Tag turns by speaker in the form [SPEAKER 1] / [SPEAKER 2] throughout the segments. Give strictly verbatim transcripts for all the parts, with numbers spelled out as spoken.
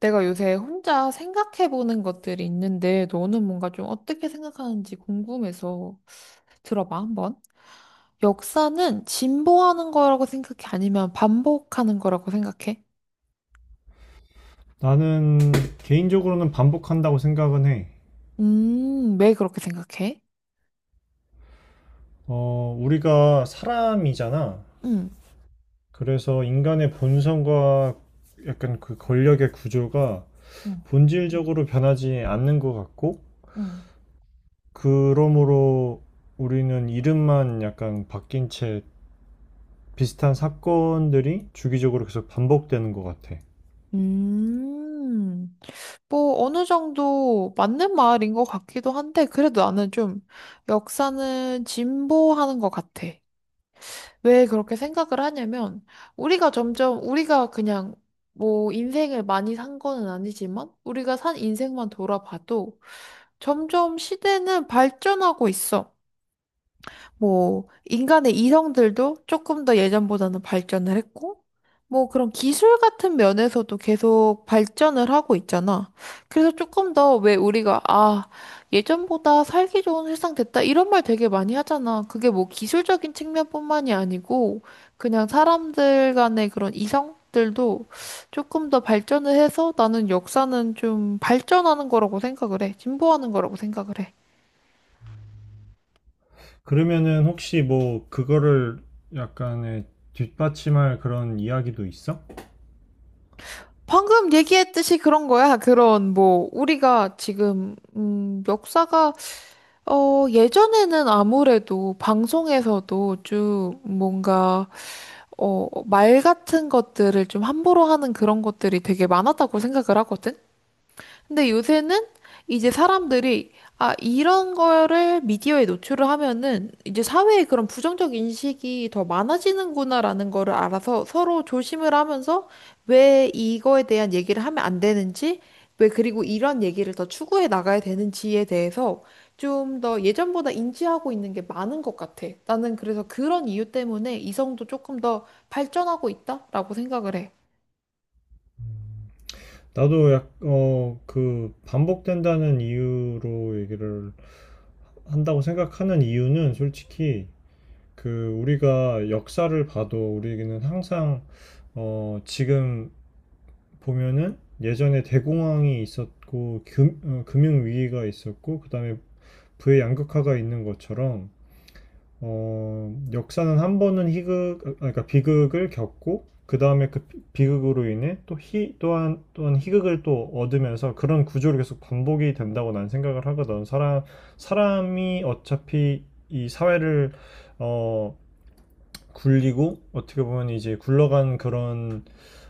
[SPEAKER 1] 내가 요새 혼자 생각해보는 것들이 있는데, 너는 뭔가 좀 어떻게 생각하는지 궁금해서 들어봐, 한번. 역사는 진보하는 거라고 생각해? 아니면 반복하는 거라고 생각해?
[SPEAKER 2] 나는 개인적으로는 반복한다고 생각은 해.
[SPEAKER 1] 음, 왜 그렇게 생각해?
[SPEAKER 2] 어, 우리가 사람이잖아.
[SPEAKER 1] 음,
[SPEAKER 2] 그래서 인간의 본성과 약간 그 권력의 구조가
[SPEAKER 1] 음,
[SPEAKER 2] 본질적으로 변하지 않는 것 같고,
[SPEAKER 1] 음.
[SPEAKER 2] 그러므로 우리는 이름만 약간 바뀐 채 비슷한 사건들이 주기적으로 계속 반복되는 것 같아.
[SPEAKER 1] 음, 뭐, 어느 정도 맞는 말인 것 같기도 한데, 그래도 나는 좀 역사는 진보하는 것 같아. 왜 그렇게 생각을 하냐면, 우리가 점점, 우리가 그냥, 뭐, 인생을 많이 산 거는 아니지만, 우리가 산 인생만 돌아봐도, 점점 시대는 발전하고 있어. 뭐, 인간의 이성들도 조금 더 예전보다는 발전을 했고, 뭐 그런 기술 같은 면에서도 계속 발전을 하고 있잖아. 그래서 조금 더 왜 우리가, 아, 예전보다 살기 좋은 세상 됐다. 이런 말 되게 많이 하잖아. 그게 뭐 기술적인 측면뿐만이 아니고, 그냥 사람들 간의 그런 이성들도 조금 더 발전을 해서 나는 역사는 좀 발전하는 거라고 생각을 해. 진보하는 거라고 생각을 해.
[SPEAKER 2] 그러면은 혹시 뭐 그거를 약간의 뒷받침할 그런 이야기도 있어?
[SPEAKER 1] 방금 얘기했듯이 그런 거야. 그런 뭐 우리가 지금 음 역사가 어 예전에는 아무래도 방송에서도 쭉 뭔가 어 말 같은 것들을 좀 함부로 하는 그런 것들이 되게 많았다고 생각을 하거든. 근데 요새는 이제 사람들이 아, 이런 거를 미디어에 노출을 하면은 이제 사회에 그런 부정적 인식이 더 많아지는구나라는 거를 알아서 서로 조심을 하면서 왜 이거에 대한 얘기를 하면 안 되는지, 왜 그리고 이런 얘기를 더 추구해 나가야 되는지에 대해서 좀 더 예전보다 인지하고 있는 게 많은 것 같아. 나는 그래서 그런 이유 때문에 이성도 조금 더 발전하고 있다라고 생각을 해.
[SPEAKER 2] 나도 약, 어, 그 반복된다는 이유로 얘기를 한다고 생각하는 이유는 솔직히 그 우리가 역사를 봐도 우리에게는 항상 어, 지금 보면은 예전에 대공황이 있었고 금, 융위기가 있었고 그다음에 부의 양극화가 있는 것처럼 어, 역사는 한 번은 희극, 아, 그러니까 비극을 겪고, 그 다음에 그 비- 비극으로 인해 또 희, 또한, 또한 희극을 또 얻으면서 그런 구조를 계속 반복이 된다고 난 생각을 하거든. 사람, 사람이 어차피 이 사회를, 어, 굴리고, 어떻게 보면 이제 굴러간 그런,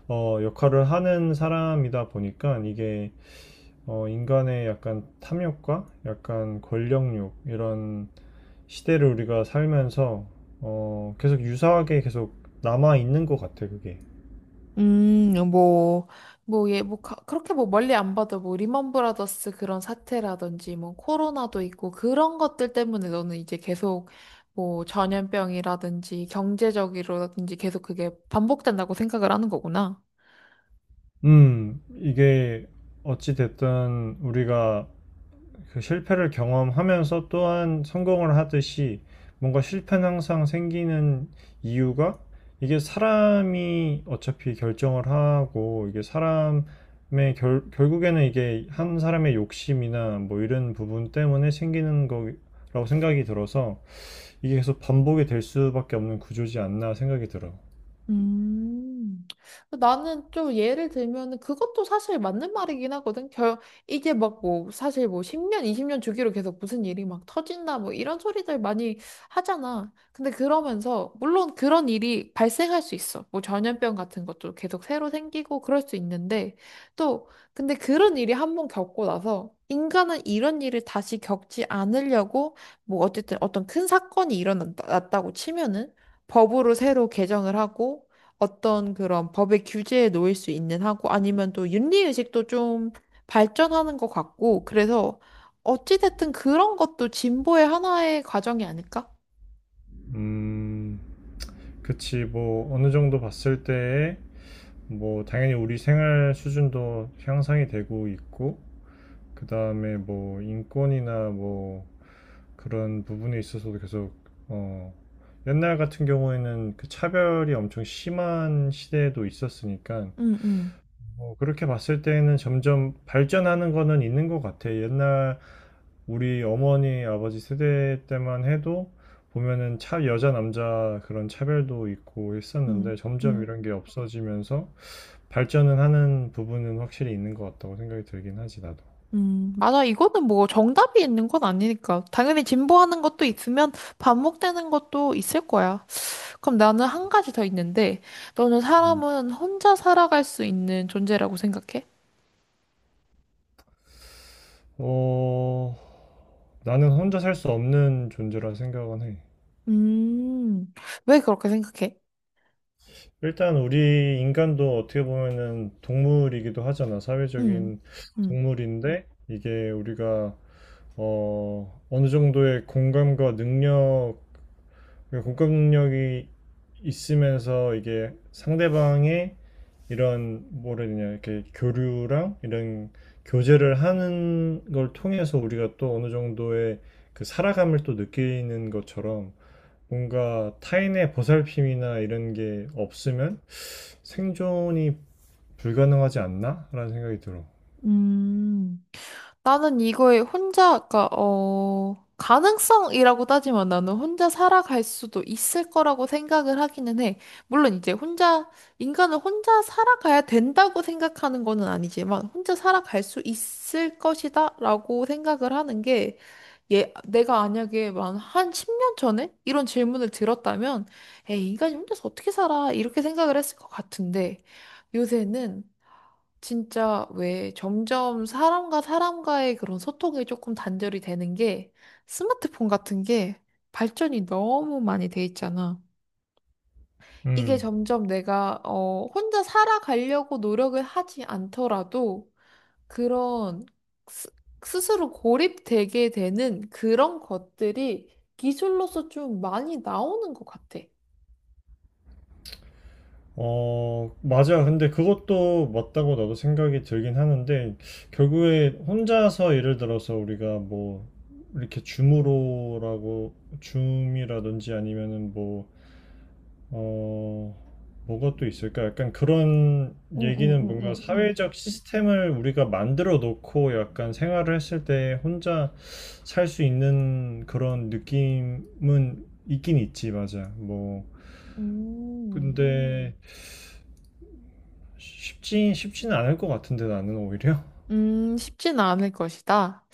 [SPEAKER 2] 어, 역할을 하는 사람이다 보니까 이게, 어, 인간의 약간 탐욕과 약간 권력욕, 이런 시대를 우리가 살면서 어, 계속 유사하게 계속 남아 있는 것 같아, 그게.
[SPEAKER 1] 음, 어, 뭐, 뭐, 예, 뭐, 가- 그렇게 뭐 멀리 안 봐도 뭐, 리먼 브라더스 그런 사태라든지 뭐, 코로나도 있고, 그런 것들 때문에 너는 이제 계속 뭐, 전염병이라든지 경제적이라든지 계속 그게 반복된다고 생각을 하는 거구나.
[SPEAKER 2] 음, 이게 어찌 됐든 우리가 그 실패를 경험하면서 또한 성공을 하듯이 뭔가 실패는 항상 생기는 이유가 이게 사람이 어차피 결정을 하고 이게 사람의 결, 결국에는 이게 한 사람의 욕심이나 뭐 이런 부분 때문에 생기는 거라고 생각이 들어서 이게 계속 반복이 될 수밖에 없는 구조지 않나 생각이 들어.
[SPEAKER 1] 음, 나는 좀 예를 들면은 그것도 사실 맞는 말이긴 하거든. 결, 이게 막 뭐 사실 뭐 십 년, 이십 년 주기로 계속 무슨 일이 막 터진다 뭐 이런 소리들 많이 하잖아. 근데 그러면서 물론 그런 일이 발생할 수 있어. 뭐 전염병 같은 것도 계속 새로 생기고 그럴 수 있는데 또 근데 그런 일이 한번 겪고 나서 인간은 이런 일을 다시 겪지 않으려고 뭐 어쨌든 어떤 큰 사건이 일어났다고 치면은 법으로 새로 개정을 하고 어떤 그런 법의 규제에 놓일 수 있는 하고 아니면 또 윤리의식도 좀 발전하는 것 같고 그래서 어찌됐든 그런 것도 진보의 하나의 과정이 아닐까?
[SPEAKER 2] 음, 그치, 뭐, 어느 정도 봤을 때에, 뭐, 당연히 우리 생활 수준도 향상이 되고 있고, 그 다음에 뭐, 인권이나 뭐, 그런 부분에 있어서도 계속, 어, 옛날 같은 경우에는 그 차별이 엄청 심한 시대도 있었으니까,
[SPEAKER 1] 음, 음,
[SPEAKER 2] 뭐 그렇게 봤을 때는 점점 발전하는 거는 있는 것 같아. 옛날 우리 어머니, 아버지 세대 때만 해도 보면은 차, 여자, 남자 그런 차별도 있고
[SPEAKER 1] 음,
[SPEAKER 2] 했었는데 점점
[SPEAKER 1] 음,
[SPEAKER 2] 이런 게 없어지면서 발전은 하는 부분은 확실히 있는 것 같다고 생각이 들긴 하지, 나도.
[SPEAKER 1] 음. 맞아. 이거는 뭐 정답이 있는 건 아니니까. 당연히 진보하는 것도 있으면 반복되는 것도 있을 거야. 그럼 나는 한 가지 더 있는데, 너는
[SPEAKER 2] 음.
[SPEAKER 1] 사람은 혼자 살아갈 수 있는 존재라고 생각해?
[SPEAKER 2] 어, 나는 혼자 살 수 없는 존재라 생각은 해.
[SPEAKER 1] 음, 왜 그렇게 생각해?
[SPEAKER 2] 일단 우리 인간도 어떻게 보면은 동물이기도 하잖아.
[SPEAKER 1] 음,
[SPEAKER 2] 사회적인
[SPEAKER 1] 음,
[SPEAKER 2] 동물인데 이게 우리가 어, 어느 정도의 공감과 능력, 그러니까 공감 능력이 있으면서 이게 상대방의 이런 뭐라 해야 되냐 이렇게 교류랑 이런 교제를 하는 걸 통해서 우리가 또 어느 정도의 그 살아감을 또 느끼는 것처럼 뭔가 타인의 보살핌이나 이런 게 없으면 생존이 불가능하지 않나? 라는 생각이 들어.
[SPEAKER 1] 음. 나는 이거에 혼자, 그니까, 어, 가능성이라고 따지면 나는 혼자 살아갈 수도 있을 거라고 생각을 하기는 해. 물론 이제 혼자, 인간은 혼자 살아가야 된다고 생각하는 거는 아니지만, 혼자 살아갈 수 있을 것이다 라고 생각을 하는 게, 예, 내가 만약에 만 한 십 년 전에 이런 질문을 들었다면, 에이, 인간이 혼자서 어떻게 살아? 이렇게 생각을 했을 것 같은데, 요새는 진짜 왜 점점 사람과 사람과의 그런 소통이 조금 단절이 되는 게 스마트폰 같은 게 발전이 너무 많이 돼 있잖아. 이게
[SPEAKER 2] 음.
[SPEAKER 1] 점점 내가 어, 혼자 살아가려고 노력을 하지 않더라도 그런 스, 스스로 고립되게 되는 그런 것들이 기술로서 좀 많이 나오는 것 같아.
[SPEAKER 2] 어, 맞아. 근데 그것도 맞다고 나도 생각이 들긴 하는데, 결국에 혼자서 예를 들어서 우리가 뭐, 이렇게 줌으로라고, 줌이라든지 아니면은 뭐, 어, 뭐가 또 있을까? 약간 그런 얘기는 뭔가
[SPEAKER 1] 응응응응 응.
[SPEAKER 2] 사회적 시스템을 우리가 만들어 놓고 약간 생활을 했을 때 혼자 살 수 있는 그런 느낌은 있긴 있지, 맞아. 뭐,
[SPEAKER 1] 음.
[SPEAKER 2] 근데, 쉽지 쉽지는 않을 것 같은데 나는 오히려
[SPEAKER 1] 음, 쉽지는 않을 것이다.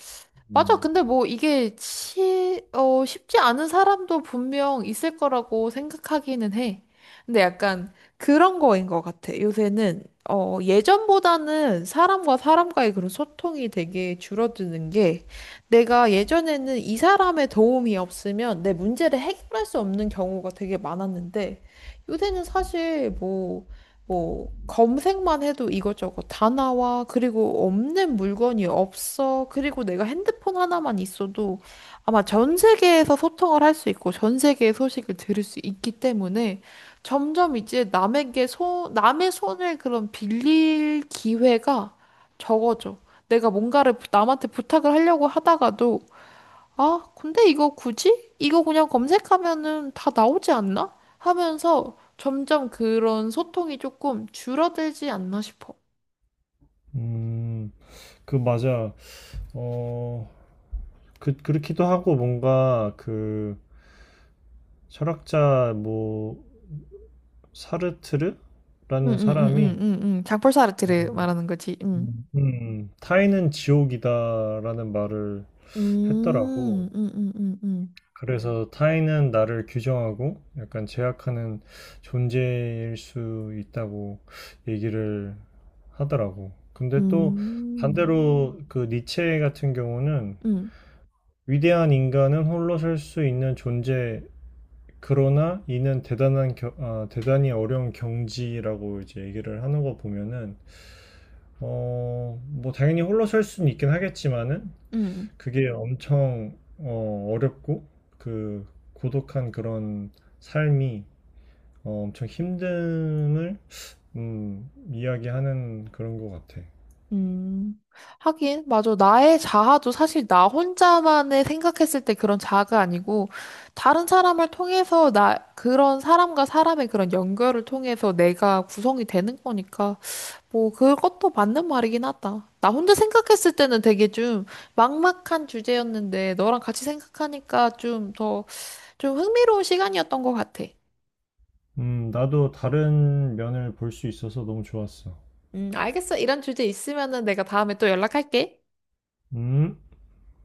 [SPEAKER 1] 맞아.
[SPEAKER 2] 음,
[SPEAKER 1] 근데 뭐 이게 치, 어, 쉽지 않은 사람도 분명 있을 거라고 생각하기는 해. 근데 약간 그런 거인 것 같아. 요새는, 어, 예전보다는 사람과 사람과의 그런 소통이 되게 줄어드는 게 내가 예전에는 이 사람의 도움이 없으면 내 문제를 해결할 수 없는 경우가 되게 많았는데 요새는 사실 뭐 뭐 검색만 해도 이것저것 다 나와. 그리고 없는 물건이 없어. 그리고 내가 핸드폰 하나만 있어도 아마 전 세계에서 소통을 할 수 있고 전 세계의 소식을 들을 수 있기 때문에 점점 이제 남에게 소 남의 손을 그런 빌릴 기회가 적어져. 내가 뭔가를 부- 남한테 부탁을 하려고 하다가도 아, 근데 이거 굳이? 이거 그냥 검색하면은 다 나오지 않나? 하면서 점점 그런 소통이 조금 줄어들지 않나 싶어.
[SPEAKER 2] 음, 그 맞아. 어, 그 그렇기도 하고 뭔가 그 철학자 뭐 사르트르라는 사람이
[SPEAKER 1] 응응응응응응 장폴사 아르트를 말하는 거지. 응.
[SPEAKER 2] 음, 음, 타인은 지옥이다라는 말을 했더라고.
[SPEAKER 1] 음, 음, 음, 음, 음,
[SPEAKER 2] 그래서 타인은 나를 규정하고 약간 제약하는 존재일 수 있다고 얘기를 하더라고.
[SPEAKER 1] 음,
[SPEAKER 2] 근데 또
[SPEAKER 1] 음.
[SPEAKER 2] 반대로 그 니체 같은 경우는
[SPEAKER 1] 응.
[SPEAKER 2] 위대한 인간은 홀로 설 수 있는 존재, 그러나 이는 대단한 겨- 아, 대단히 어려운 경지라고 이제 얘기를 하는 거 보면은 어, 뭐 당연히 홀로 설 수는 있긴 하겠지만은
[SPEAKER 1] 응.
[SPEAKER 2] 그게 엄청 어, 어렵고 그 고독한 그런 삶이 어, 엄청 힘듦을 음, 이야기하는 그런 것 같아.
[SPEAKER 1] 음, 하긴, 맞아. 나의 자아도 사실 나 혼자만의 생각했을 때 그런 자아가 아니고, 다른 사람을 통해서 나, 그런 사람과 사람의 그런 연결을 통해서 내가 구성이 되는 거니까, 뭐, 그것도 맞는 말이긴 하다. 나 혼자 생각했을 때는 되게 좀 막막한 주제였는데, 너랑 같이 생각하니까 좀 더, 좀 흥미로운 시간이었던 것 같아.
[SPEAKER 2] 음, 나도 다른 면을 볼 수 있어서 너무 좋았어.
[SPEAKER 1] 음, 알겠어. 이런 주제 있으면은 내가 다음에 또 연락할게.
[SPEAKER 2] 음.